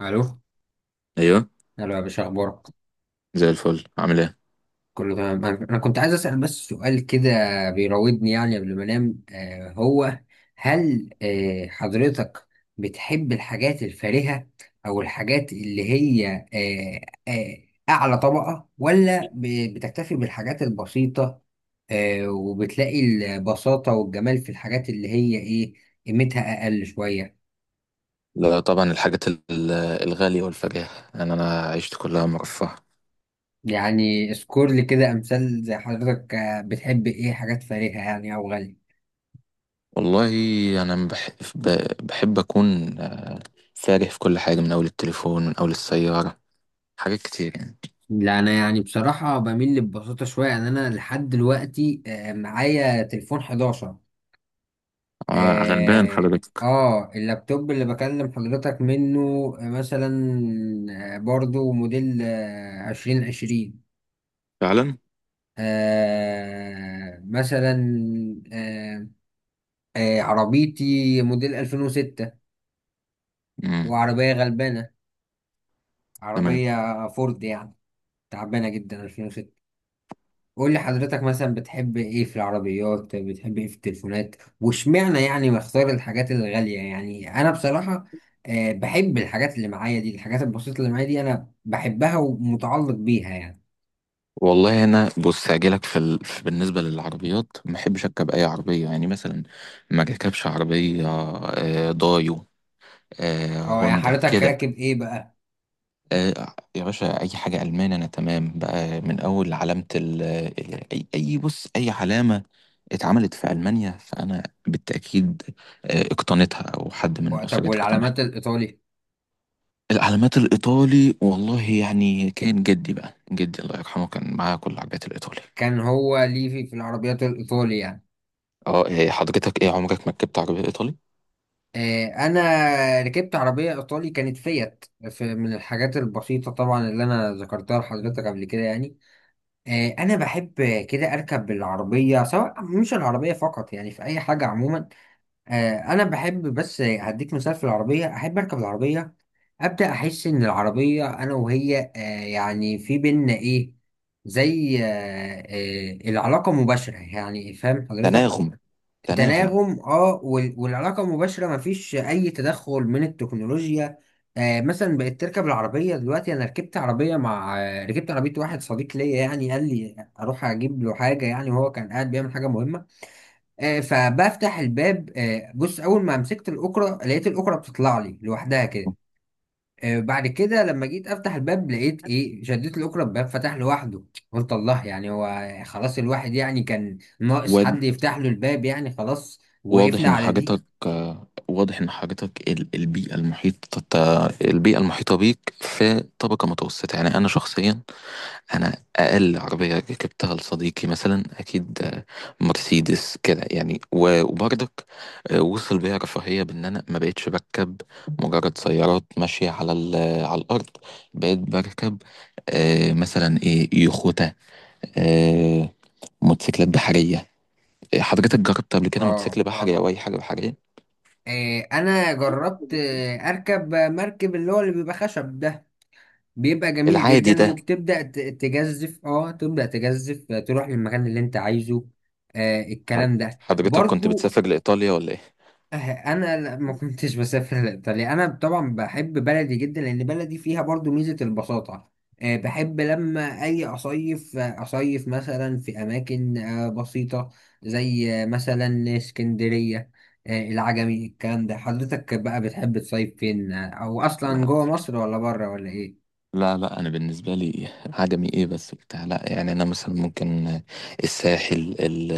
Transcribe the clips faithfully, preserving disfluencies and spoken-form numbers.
الو. ايوه. الو يا باشا، اخبارك؟ زي الفل، عامل ايه؟ كله تمام. انا أنا كنت عايز اسال بس سؤال كده بيراودني يعني قبل ما انام. آه هو هل آه حضرتك بتحب الحاجات الفارهه او الحاجات اللي هي آه آه اعلى طبقه، ولا ب- بتكتفي بالحاجات البسيطه، آه وبتلاقي البساطه والجمال في الحاجات اللي هي ايه، قيمتها اقل شويه؟ لا طبعا الحاجات ال- الغالية والفجاهة، يعني انا عشت كلها مرفهة. يعني اذكر لي كده امثال، زي حضرتك آه، بتحب ايه حاجات فارهه يعني او غاليه؟ والله انا بحب, بحب اكون فارح في كل حاجة، من اول التليفون من اول السيارة، حاجات كتير يعني. لا انا يعني بصراحه بميل لببساطه شويه. يعني انا لحد دلوقتي آه، معايا تليفون إحداشر. آه غلبان اه. حضرتك آه، اللابتوب اللي بكلم حضرتك منه آه، مثلا آه، برضو موديل آه، عشرين عشرين. فعلا. آه مثلا آه، آه، عربيتي موديل ألفين وستة، امم. وعربية غلبانة، تمام. عربية فورد يعني، تعبانة جدا، ألفين وستة. قول لي حضرتك مثلا بتحب ايه في العربيات، بتحب ايه في التليفونات، واشمعنى يعني بختار الحاجات الغالية؟ يعني انا بصراحة آه، بحب الحاجات اللي معايا دي، الحاجات البسيطة اللي معايا دي انا بحبها ومتعلق بيها يعني. والله انا بص هجيلك في, ال... في بالنسبة للعربيات، ما بحبش اركب اي عربية يعني. مثلا ما اركبش عربية آه، دايو، آه، اه يعني هوندا حضرتك كده. راكب ايه بقى؟ آه، يا باشا اي حاجه المان انا تمام بقى. من اول علامه ال ال- اي أي- بص اي علامه اتعملت في المانيا، فانا بالتاكيد آه، اقتنيتها او حد و- من طب اسرتي اقتنعها. والعلامات الايطالي؟ العلامات الايطالي والله يعني، كان جدي بقى، جدي الله يرحمه، كان معاه كل العربيات الايطالي. كان هو ليه في, في العربيات الايطالي يعني؟ اه إيه، حضرتك ايه عمرك ما ركبت عربيه ايطالي؟ آه، انا ركبت عربية ايطالي، كانت فيت، في من الحاجات البسيطة طبعا اللي انا ذكرتها لحضرتك قبل كده يعني. آه، انا بحب كده اركب بالعربيه، سواء مش العربيه فقط يعني، في اي حاجه عموما. آه، انا بحب بس هديك مثال في العربيه، احب اركب العربيه ابدا، احس ان العربيه انا وهي آه، يعني في بينا ايه، زي آه، آه، العلاقه مباشره يعني، فاهم حضرتك؟ تناغم. تناغم. تناغم، اه. وال- والعلاقة مباشرة، مفيش أي تدخل من التكنولوجيا. آه مثلا بقيت تركب العربية دلوقتي. أنا ركبت عربية مع آه، ركبت عربية واحد صديق ليا يعني، قال لي أروح أجيب له حاجة يعني، وهو كان قاعد بيعمل حاجة مهمة. آه فبفتح الباب. آه بص، أول ما مسكت الأكرة، لقيت الأكرة بتطلع لي لوحدها كده. آه، بعد كده لما جيت افتح الباب، لقيت ايه، شديت الاكرة الباب فتح لوحده. قلت الله، يعني هو خلاص الواحد يعني كان ناقص حد يفتح له الباب يعني، خلاص واضح وقفنا ان على دي. حاجتك، آه، واضح ان حاجتك ال- البيئة المحيطة، البيئة المحيطة بيك في طبقة متوسطة. يعني انا شخصيا انا اقل عربية ركبتها لصديقي مثلا اكيد آه، مرسيدس كده يعني. و- وبرضك آه، وصل بيا رفاهية بان انا ما بقتش بركب مجرد سيارات ماشية على ال- على الارض. بقيت بركب آه، مثلا ايه، يخوتة، آه، موتوسيكلات بحرية. حضرتك جربت قبل كده اه. موتوسيكل بحري او اي حاجة بحرية؟ آه، انا جربت آه، اركب مركب اللي هو اللي بيبقى خشب ده، بيبقى جميل العادي جدا، ده. وبتبدأ ت- تجزف، اه تبدأ تجزف آه، تروح للمكان اللي انت عايزه. آه الكلام ده حضرتك كنت برضو. بتسافر لإيطاليا ولا إيه؟ أه، انا لا- ما كنتش بسافر لايطاليا. انا طبعا بحب بلدي جدا، لان بلدي فيها برضو ميزه البساطه. آه، بحب لما اجي اصيف آه، اصيف مثلا في اماكن آه، بسيطه، زي آه، مثلا اسكندريه آه، العجمي، الكلام ده. حضرتك بقى بتحب تصيف فين آه، او اصلا لا. جوه مصر ولا بره ولا ايه؟ لا. لا أنا بالنسبة لي، عجمي إيه بس بتاع؟ لا يعني. أنا مثلا ممكن الساحل ال-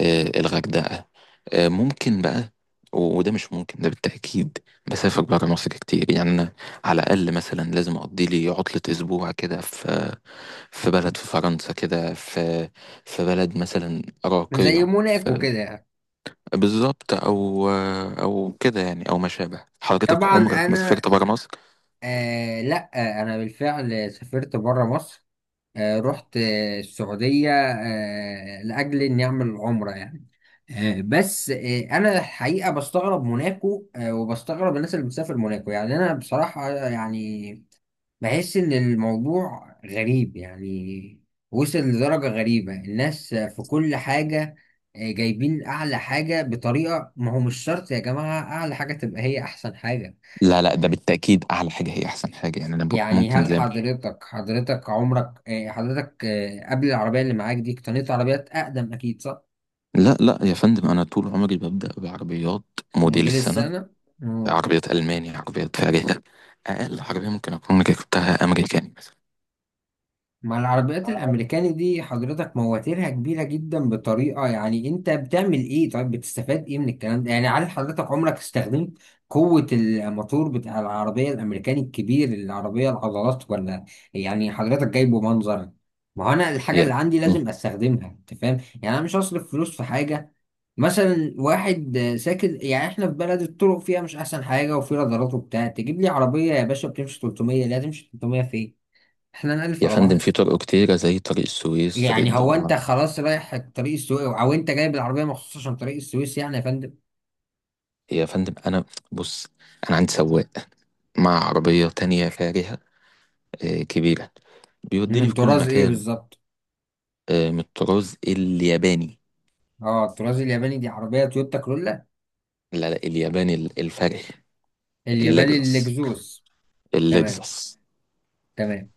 آه، الغردقة آه، ممكن بقى. و- وده مش ممكن، ده بالتأكيد بسافر برا مصر كتير يعني. أنا على الأقل مثلا لازم أقضي لي عطلة أسبوع كده في في بلد، في فرنسا كده، في في بلد مثلا زي راقية. موناكو كده يعني. بالظبط، او او كده يعني، او ما شابه. حضرتك طبعا عمرك ما انا، سافرت بره مصر؟ آه لا آه، انا بالفعل سافرت بره مصر. آه، رحت آه، السعودية آه، لأجل إني أعمل عمرة يعني. آه، بس آه، أنا الحقيقة بستغرب موناكو آه، وبستغرب الناس اللي بتسافر موناكو. يعني أنا بصراحة آه، يعني بحس إن الموضوع غريب يعني، وصل لدرجة غريبة. الناس في كل حاجة آه، جايبين أعلى حاجة بطريقة، ما هو مش شرط يا جماعة أعلى حاجة تبقى هي أحسن حاجة. لا لا، ده بالتاكيد اعلى حاجه هي احسن حاجه. يعني انا ب- يعني ممكن هل زي ما- حضرتك حضرتك عمرك آه، حضرتك آه، قبل العربية اللي معاك دي اقتنيت عربيات أقدم، أكيد صح؟ لا لا يا فندم، انا طول عمري ببدا بعربيات موديل موديل السنه. السنة؟ مم. عربيات الماني، عربيات فارهه. اقل عربيه ممكن اكون ركبتها امريكاني بس. ما العربيات الأمريكاني دي حضرتك مواتيرها كبيرة جدا بطريقة، يعني أنت بتعمل إيه؟ طيب بتستفاد إيه من الكلام ده؟ يعني هل حضرتك عمرك استخدمت قوة الموتور بتاع العربية الأمريكاني الكبير، العربية العضلات، ولا يعني حضرتك جايبه منظر؟ ما هو أنا الحاجة اللي يا عندي م. لازم أستخدمها، أنت فاهم؟ يعني أنا مش هصرف فلوس في حاجة. مثلا واحد ساكن، يعني احنا في بلد الطرق فيها مش احسن حاجه، وفي رادارات وبتاع، تجيب لي عربيه يا باشا بتمشي ثلاثمائة. لا، تمشي ثلاثمائة فين؟ احنا نألف يا على فندم، بعض. في طرق كتيره زي طريق السويس، طريق يعني هو انت الضبعه. خلاص رايح طريق السويس، او انت جايب العربيه مخصوص عشان طريق السويس يعني يا فندم؟ يا فندم انا بص، انا عندي سواق مع عربيه تانية فارهه، آه، كبيره، بيوديني من في كل طراز ايه مكان. بالظبط؟ آه، من الطراز الياباني. اه الطراز الياباني دي عربيه تويوتا كرولا؟ لا لا، الياباني ال- الفرخ. الياباني اللكزس. الاكزوس. تمام. اللكزس. تمام.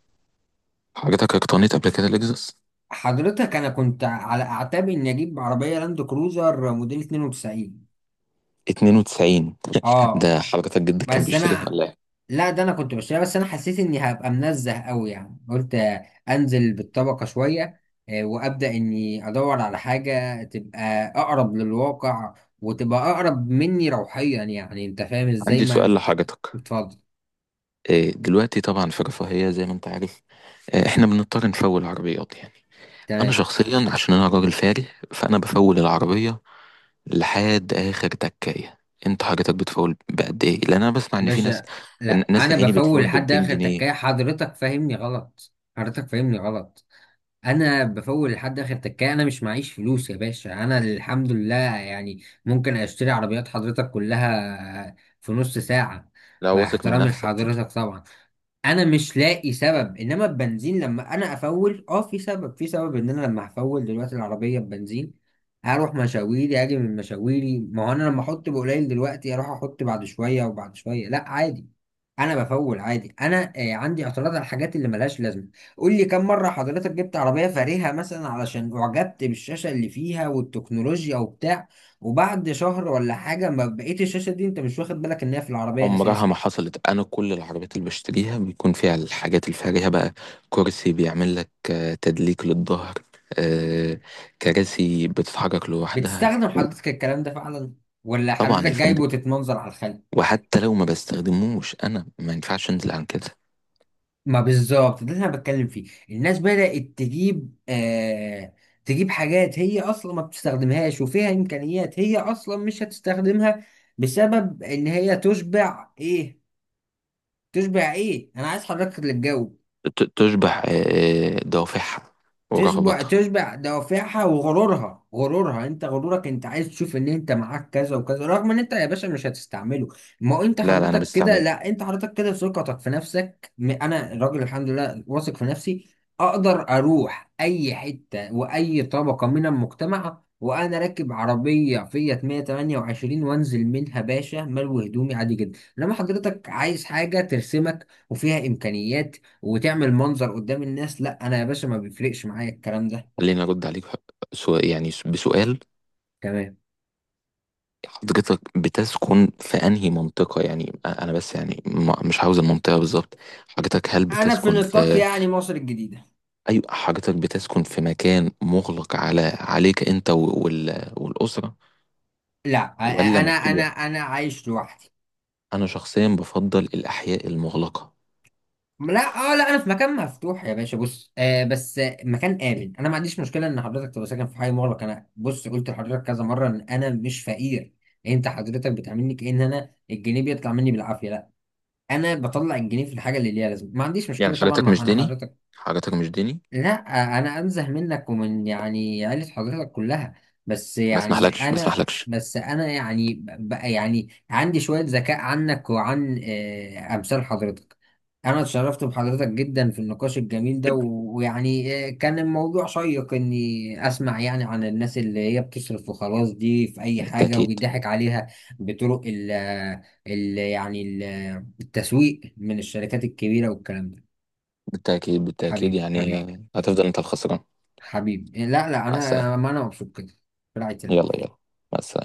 حضرتك اقتنيت قبل كده لكزس حضرتك انا كنت على اعتاب اني اجيب عربيه لاند كروزر موديل اتنين وتسعين. اتنين وتسعين؟ اه. ده حضرتك جدك كان بس بيشتريها انا، ولا ايه؟ لا ده انا كنت بشتريها، بس انا حسيت اني هبقى منزه قوي يعني. قلت انزل بالطبقه شويه آه، وابدا اني ادور على حاجه تبقى اقرب للواقع، وتبقى اقرب مني روحيا، يعني انت فاهم ازاي؟ عندي سؤال ما لحضرتك. اتفضل. آه، دلوقتي طبعا في رفاهية، زي ما انت عارف آه، احنا بنضطر نفول عربيات يعني. انا تمام. شخصيا عشان انا راجل فاري، فانا بفول العربية لحد اخر تكاية. انت حضرتك بتفول بقد ايه؟ لان انا بسمع ان في ناس، باشا، إن- لا ناس انا يا عيني بفول بتفول ب لحد 200 اخر جنيه تكايه. حضرتك فاهمني غلط، حضرتك فاهمني غلط. انا بفول لحد اخر تكايه. انا مش معيش فلوس يا باشا، انا الحمد لله يعني ممكن اشتري عربيات حضرتك كلها في نص ساعه. لا، مع واثق من احترامي نفسك. لحضرتك طبعا. انا مش لاقي سبب، انما البنزين لما انا افول، اه في سبب. في سبب ان انا لما هفول دلوقتي العربيه ببنزين هروح مشاويري اجي من مشاويري، ما هو انا لما احط بقليل دلوقتي اروح احط بعد شويه وبعد شويه، لا عادي. انا بفول عادي. انا آه، عندي اعتراض على الحاجات اللي ملهاش لازمه. قول لي كم مرة حضرتك جبت عربية فارهة مثلا علشان أعجبت بالشاشة اللي فيها والتكنولوجيا وبتاع، وبعد شهر ولا حاجة ما بقيت الشاشة دي، أنت مش واخد بالك إن هي في العربية عمرها أساسا؟ ما حصلت. انا كل العربيات اللي بشتريها بيكون فيها الحاجات الفارهة بقى. كرسي بيعمل لك آه، تدليك للظهر، آه، كراسي بتتحرك لوحدها. بتستخدم حضرتك الكلام ده فعلا، ولا طبعا حضرتك يا فندم، جايبه تتمنظر على الخلق؟ وحتى لو ما بستخدموش انا ما ينفعش انزل عن كده. ما بالظبط ده اللي أنا بتكلم فيه. الناس بدأت تجيب آه تجيب حاجات هي أصلا ما بتستخدمهاش، وفيها إمكانيات هي أصلا مش هتستخدمها، بسبب إن هي تشبع إيه، تشبع إيه؟ أنا عايز حضرتك اللي تجاوب. ت- تشبع آه، آه، دوافعها تشبع، ورغباتها. تشبع دوافعها وغرورها. غرورها، انت غرورك، انت عايز تشوف ان انت معاك كذا وكذا، رغم ان انت يا باشا مش هتستعمله. ما هو انت لا لا، انا حضرتك كده، بستعمله. لا انت حضرتك كده ثقتك في نفسك م- انا راجل الحمد لله واثق في نفسي. اقدر اروح اي حتة واي طبقة من المجتمع وانا راكب عربية فيات مية وتمنية وعشرين وانزل منها باشا ملوي هدومي عادي جدا، انما حضرتك عايز حاجة ترسمك وفيها امكانيات وتعمل منظر قدام الناس. لا انا يا باشا ما بيفرقش معايا الكلام ده. خليني ارد عليك سو- يعني بسؤال. تمام. حضرتك بتسكن في انهي منطقة؟ يعني انا بس يعني ما- مش عاوز المنطقة بالظبط. حضرتك هل انا في بتسكن نطاق في، يعني مصر الجديدة. ايوه، حضرتك بتسكن في مكان مغلق على عليك انت و- وال... والأسرة، لا، أ- أ- ولا انا، انا مفتوح؟ انا عايش لوحدي. انا شخصيا بفضل الاحياء المغلقة. لا اه لا، انا في مكان مفتوح يا باشا. بص آه بس آه، مكان امن. انا ما عنديش مشكله ان حضرتك تبقى ساكن في حي مغلق. انا بص قلت لحضرتك كذا مره ان انا مش فقير. انت حضرتك بتعاملني كأن انا الجنيه بيطلع مني بالعافيه. لا، انا بطلع الجنيه في الحاجه اللي ليها لازمه، ما عنديش يعني مشكله طبعا حضرتك مع مش انا ديني؟ حضرتك. حضرتك مش ديني، لا انا انزه منك ومن يعني عيلة حضرتك كلها. بس ما يعني اسمحلكش، ما انا اسمحلكش. بس انا يعني بقى يعني عندي شوية ذكاء عنك وعن آه، امثال حضرتك. انا اتشرفت بحضرتك جدا في النقاش الجميل ده، و- ويعني آه، كان الموضوع شيق اني اسمع يعني عن الناس اللي هي بتصرف وخلاص دي في اي حاجة بالتأكيد. وبيضحك عليها بطرق ال ال يعني ال- التسويق من الشركات الكبيرة والكلام ده. بالتأكيد. بالتأكيد حبيبي، يعني حبيبي، هتفضل انت الخسران. حبيبي، لا لا مع السلامة. انا، ما انا مبسوط كده. في رعاية يلا الله. يلا، مع السلامة.